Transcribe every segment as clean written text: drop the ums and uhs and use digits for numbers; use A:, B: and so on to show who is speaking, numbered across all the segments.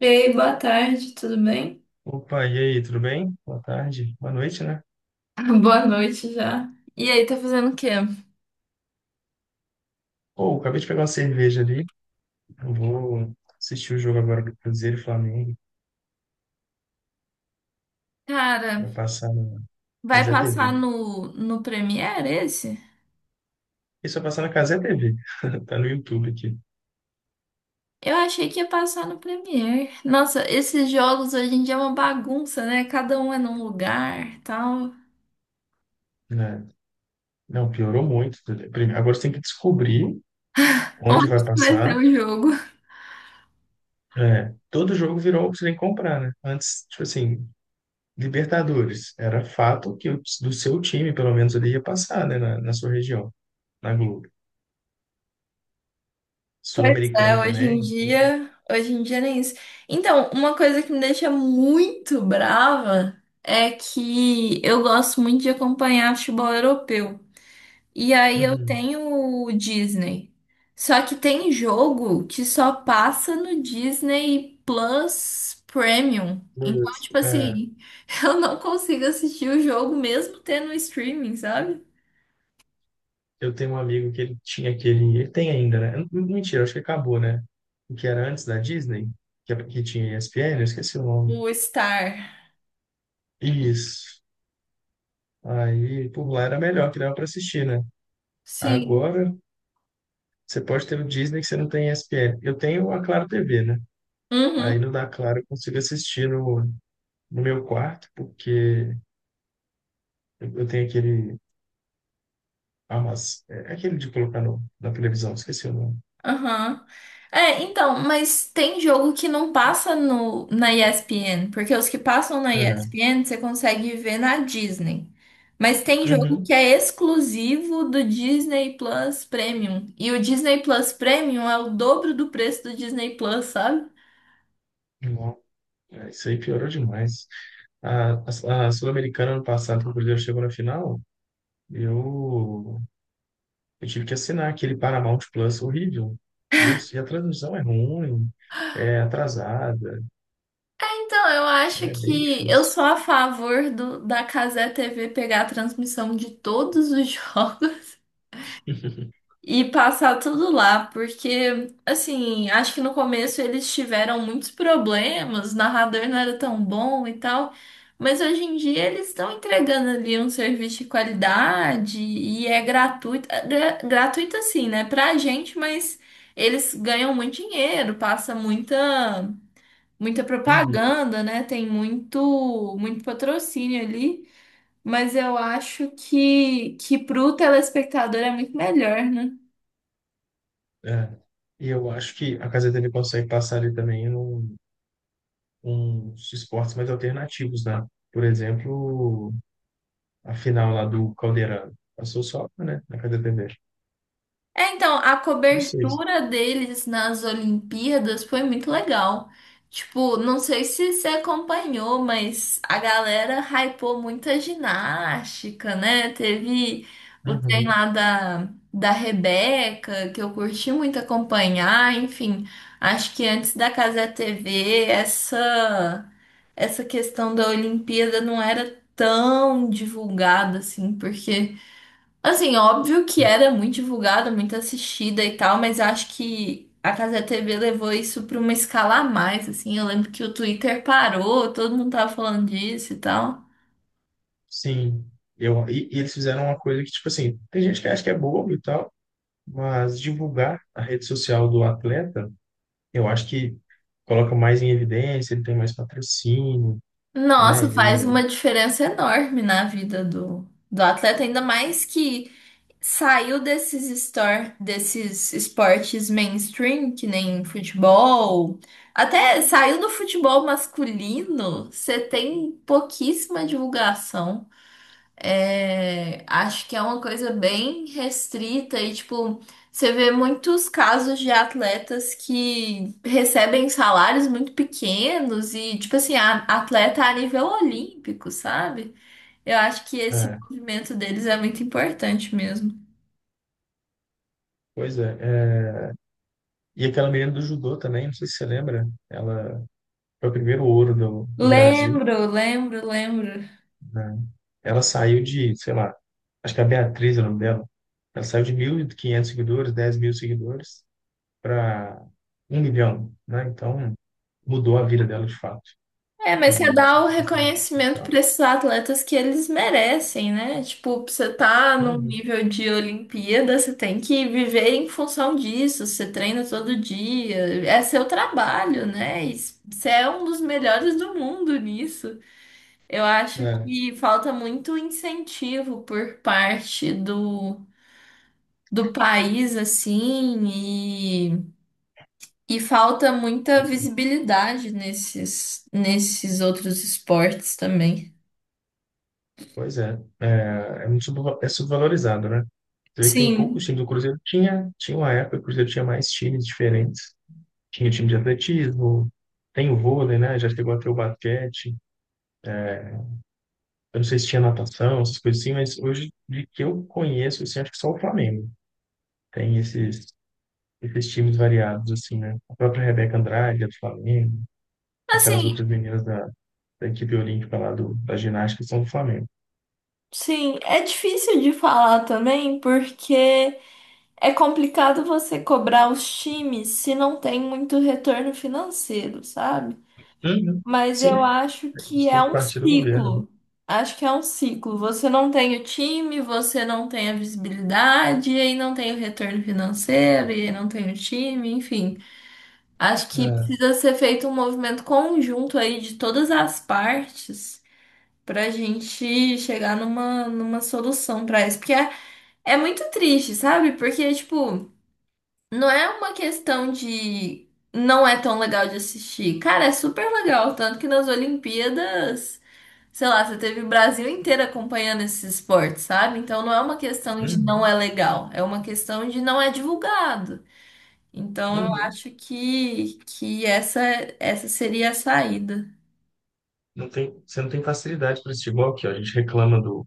A: Ei, boa tarde, tudo bem?
B: Opa, e aí, tudo bem? Boa tarde, boa noite, né?
A: Boa noite já. E aí, tá fazendo o quê?
B: Pô, acabei de pegar uma cerveja ali. Eu vou assistir o jogo agora do Cruzeiro e Flamengo.
A: Cara,
B: Vai passar na
A: vai
B: Cazé
A: passar
B: TV.
A: no Premiere esse?
B: Isso vai passar na Cazé TV. Tá no YouTube aqui,
A: Eu achei que ia passar no Premiere. Nossa, esses jogos hoje em dia é uma bagunça, né? Cada um é num lugar, tal.
B: né? Não, piorou muito. Agora você tem que descobrir onde
A: Onde
B: vai
A: que vai ter
B: passar.
A: o jogo?
B: É, todo jogo virou o que você tem que comprar, né? Antes, tipo assim, Libertadores. Era fato que do seu time, pelo menos, ele ia passar, né? Na sua região, na Globo.
A: Pois é,
B: Sul-Americana
A: hoje em
B: também.
A: dia, hoje em dia nem isso. Então, uma coisa que me deixa muito brava é que eu gosto muito de acompanhar futebol europeu. E aí eu
B: Uhum.
A: tenho o Disney. Só que tem jogo que só passa no Disney Plus Premium. Então,
B: Putz,
A: tipo
B: é,
A: assim, eu não consigo assistir o jogo mesmo tendo o streaming, sabe?
B: eu tenho um amigo que ele tinha aquele. Ele tem ainda, né? Mentira, acho que acabou, né? O que era antes da Disney, que tinha ESPN, eu esqueci o nome.
A: O Star.
B: Isso. Aí, por lá era melhor, que dava para assistir, né?
A: Sim.
B: Agora, você pode ter o Disney que você não tem ESPN. Eu tenho a Claro TV, né? Aí
A: Uhum.
B: no da Claro eu consigo assistir no meu quarto, porque eu tenho aquele. Ah, mas é aquele de colocar no, na televisão, esqueci o nome.
A: Aham. É, então, mas tem jogo que não passa no, na ESPN, porque os que passam na
B: É.
A: ESPN você consegue ver na Disney. Mas tem jogo que é exclusivo do Disney Plus Premium. E o Disney Plus Premium é o dobro do preço do Disney Plus, sabe?
B: Uhum. É, isso aí piorou demais. A, a Sul-Americana, ano passado, quando o Cruzeiro chegou na final, eu, eu tive que assinar aquele Paramount Plus horrível. E a transmissão é ruim, é atrasada,
A: Então, eu acho
B: é bem
A: que eu
B: difícil.
A: sou a favor da Casé TV pegar a transmissão de todos os jogos. E passar tudo lá, porque, assim, acho que no começo eles tiveram muitos problemas, o narrador não era tão bom e tal, mas hoje em dia eles estão entregando ali um serviço de qualidade e é gratuito, é gratuito assim, né, pra gente, mas eles ganham muito dinheiro, passa muita
B: Uhum,
A: propaganda, né, tem muito patrocínio ali. Mas eu acho que pro telespectador é muito melhor, né?
B: é. E eu acho que a Casa TV consegue passar ali também uns esportes mais alternativos, né? Por exemplo, a final lá do Caldeirão. Passou só, né, na Casa TV.
A: É, então, a
B: Não sei.
A: cobertura deles nas Olimpíadas foi muito legal. Tipo, não sei se você acompanhou, mas a galera hypou muita ginástica, né? Teve o trem
B: Uhum.
A: lá da Rebeca, que eu curti muito acompanhar. Enfim, acho que antes da Cazé TV, essa questão da Olimpíada não era tão divulgada assim, porque. Assim, óbvio que era muito divulgada, muito assistida e tal, mas acho que a Cazé TV levou isso pra uma escala a mais, assim. Eu lembro que o Twitter parou, todo mundo tava falando disso e tal.
B: Sim, e eles fizeram uma coisa que, tipo assim, tem gente que acha que é bobo e tal, mas divulgar a rede social do atleta, eu acho que coloca mais em evidência, ele tem mais patrocínio, né?
A: Nossa, faz
B: Ele,
A: uma diferença enorme na vida do atleta, ainda mais que saiu desses, store, desses esportes mainstream, que nem futebol. Até saiu do futebol masculino, você tem pouquíssima divulgação. É, acho que é uma coisa bem restrita e, tipo, você vê muitos casos de atletas que recebem salários muito pequenos e, tipo assim, atleta a nível olímpico, sabe? Eu acho que esse
B: é,
A: movimento deles é muito importante mesmo.
B: pois é, é. E aquela menina do judô também, não sei se você lembra, ela foi o primeiro ouro do Brasil,
A: Lembro, lembro, lembro.
B: né? Ela saiu de, sei lá, acho que é a Beatriz é o nome dela, ela saiu de 1.500 seguidores, 10 mil seguidores, para 1 milhão, né? Mudou a vida dela de fato
A: É, mas você
B: também.
A: dá o reconhecimento
B: Então.
A: para esses atletas que eles merecem, né? Tipo, você tá num
B: Uhum.
A: nível de Olimpíada, você tem que viver em função disso, você treina todo dia, é seu trabalho, né? E você é um dos melhores do mundo nisso. Eu acho
B: É,
A: que falta muito incentivo por parte do, do país, assim, e. E falta muita
B: pois é.
A: visibilidade nesses outros esportes também.
B: Pois é. É, é muito é subvalorizado, né? Você vê que tem poucos
A: Sim.
B: times. O Cruzeiro tinha, tinha uma época, que o Cruzeiro tinha mais times diferentes. Tinha time de atletismo, tem o vôlei, né? Já chegou a ter o basquete. Eu não sei se tinha natação, essas coisas assim, mas hoje, de que eu conheço, assim, acho que só o Flamengo tem esses times variados, assim, né? A própria Rebeca Andrade, é do Flamengo, aquelas
A: Assim,
B: outras meninas da equipe olímpica lá da ginástica são do Flamengo.
A: sim, é difícil de falar também, porque é complicado você cobrar os times se não tem muito retorno financeiro, sabe?
B: Uhum.
A: Mas eu
B: Sim,
A: acho
B: é
A: que
B: isso,
A: é
B: tem que
A: um
B: partir do governo.
A: ciclo. Acho que é um ciclo. Você não tem o time, você não tem a visibilidade, e aí não tem o retorno financeiro, e aí não tem o time, enfim. Acho que
B: É.
A: precisa ser feito um movimento conjunto aí de todas as partes pra gente chegar numa solução pra isso. Porque é, é muito triste, sabe? Porque, tipo, não é uma questão de não é tão legal de assistir. Cara, é super legal. Tanto que nas Olimpíadas, sei lá, você teve o Brasil inteiro acompanhando esse esporte, sabe? Então não é uma questão de não
B: Uhum.
A: é legal, é uma questão de não é divulgado. Então eu
B: Uhum.
A: acho que essa seria a saída.
B: Não tem, você não tem facilidade para assistir igual aqui, ó. A gente reclama do,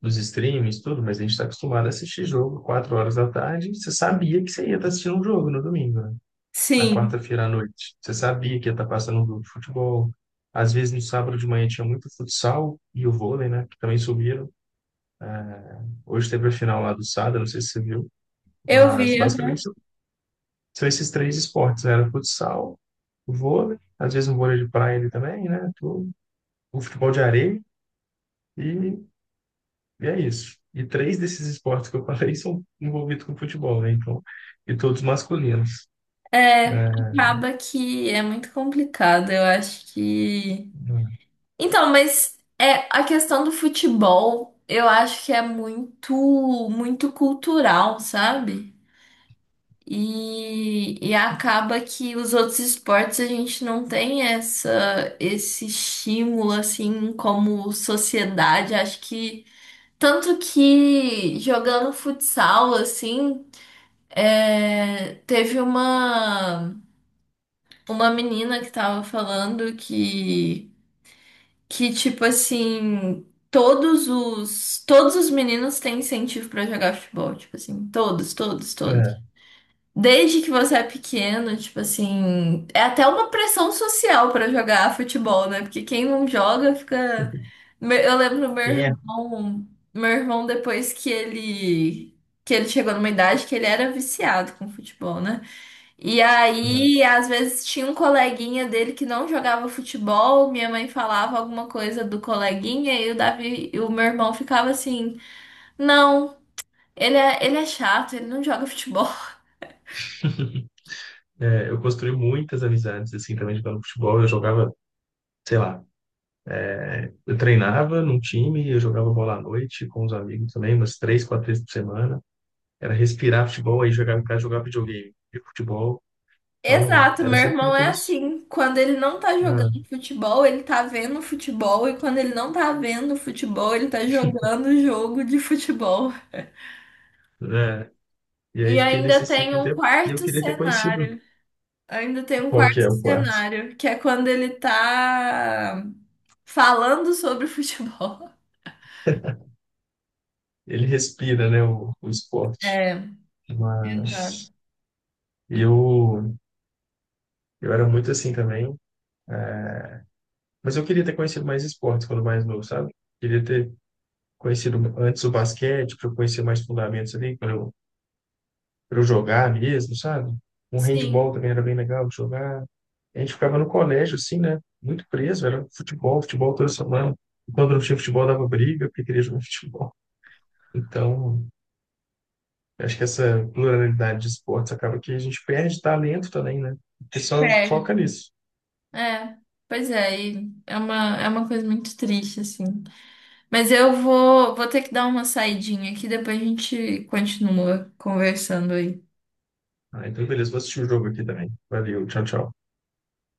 B: dos streams, tudo, mas a gente está acostumado a assistir jogo 4 horas da tarde. Você sabia que você ia estar assistindo um jogo no domingo, né? Na
A: Sim,
B: quarta-feira à noite. Você sabia que ia estar passando um jogo de futebol. Às vezes no sábado de manhã tinha muito futsal e o vôlei, né? Que também subiram. Hoje teve a final lá do Sada, não sei se você viu,
A: eu
B: mas
A: vi.
B: basicamente são esses três esportes, né? Era futsal, o vôlei, às vezes um vôlei de praia ali também, né? Tudo. O futebol de areia e, e é isso. E três desses esportes que eu falei são envolvidos com futebol, né? Então, e todos masculinos.
A: É,
B: É,
A: acaba que é muito complicado, eu acho que. Então, mas é a questão do futebol, eu acho que é muito cultural, sabe? E acaba que os outros esportes a gente não tem essa, esse estímulo assim como sociedade. Acho que tanto que jogando futsal assim, é, teve uma menina que tava falando que tipo assim, todos os meninos têm incentivo pra jogar futebol, tipo assim, todos, todos,
B: é.
A: todos. Desde que você é pequeno, tipo assim, é até uma pressão social pra jogar futebol, né? Porque quem não joga fica Eu lembro meu
B: Quem é?
A: irmão, depois que ele chegou numa idade que ele era viciado com futebol, né? E aí, às vezes tinha um coleguinha dele que não jogava futebol, minha mãe falava alguma coisa do coleguinha e o Davi, e o meu irmão ficava assim: "Não, ele é chato, ele não joga futebol".
B: É, é, eu construí muitas amizades, assim, também jogando futebol. Eu jogava, sei lá, eu treinava num time, eu jogava bola à noite com os amigos também, umas três, quatro vezes por semana. Era respirar futebol, aí jogava em casa, jogava videogame. E futebol, então,
A: Exato,
B: era
A: meu
B: sempre
A: irmão
B: muito
A: é
B: isso.
A: assim, quando ele não tá
B: Né?
A: jogando futebol, ele tá vendo futebol e quando ele não tá vendo futebol, ele tá jogando jogo de futebol.
B: Né? E aí
A: E
B: fiquei
A: ainda
B: nesse
A: tem
B: ciclo um
A: um
B: tempo e eu
A: quarto
B: queria ter conhecido
A: cenário. Ainda tem um
B: qual que é
A: quarto
B: o quarto.
A: cenário, que é quando ele tá falando sobre futebol.
B: Ele respira, né, o esporte.
A: É, exato.
B: Mas eu, eu era muito assim também. É, mas eu queria ter conhecido mais esportes quando mais novo, sabe? Queria ter conhecido antes o basquete, para eu conhecer mais fundamentos ali, quando eu para eu jogar mesmo, sabe? Um
A: Sim,
B: handball também era bem legal de jogar. A gente ficava no colégio, assim, né? Muito preso, era futebol, futebol toda semana. E quando não tinha futebol, dava briga, porque queria jogar futebol. Então, acho que essa pluralidade de esportes acaba que a gente perde talento também, né? O pessoal
A: perde.
B: foca nisso.
A: É, pois é, e é uma coisa muito triste, assim. Mas eu vou, vou ter que dar uma saidinha aqui, depois a gente continua conversando aí.
B: Ah, então, beleza, vou assistir o jogo aqui também. Valeu, tchau, tchau.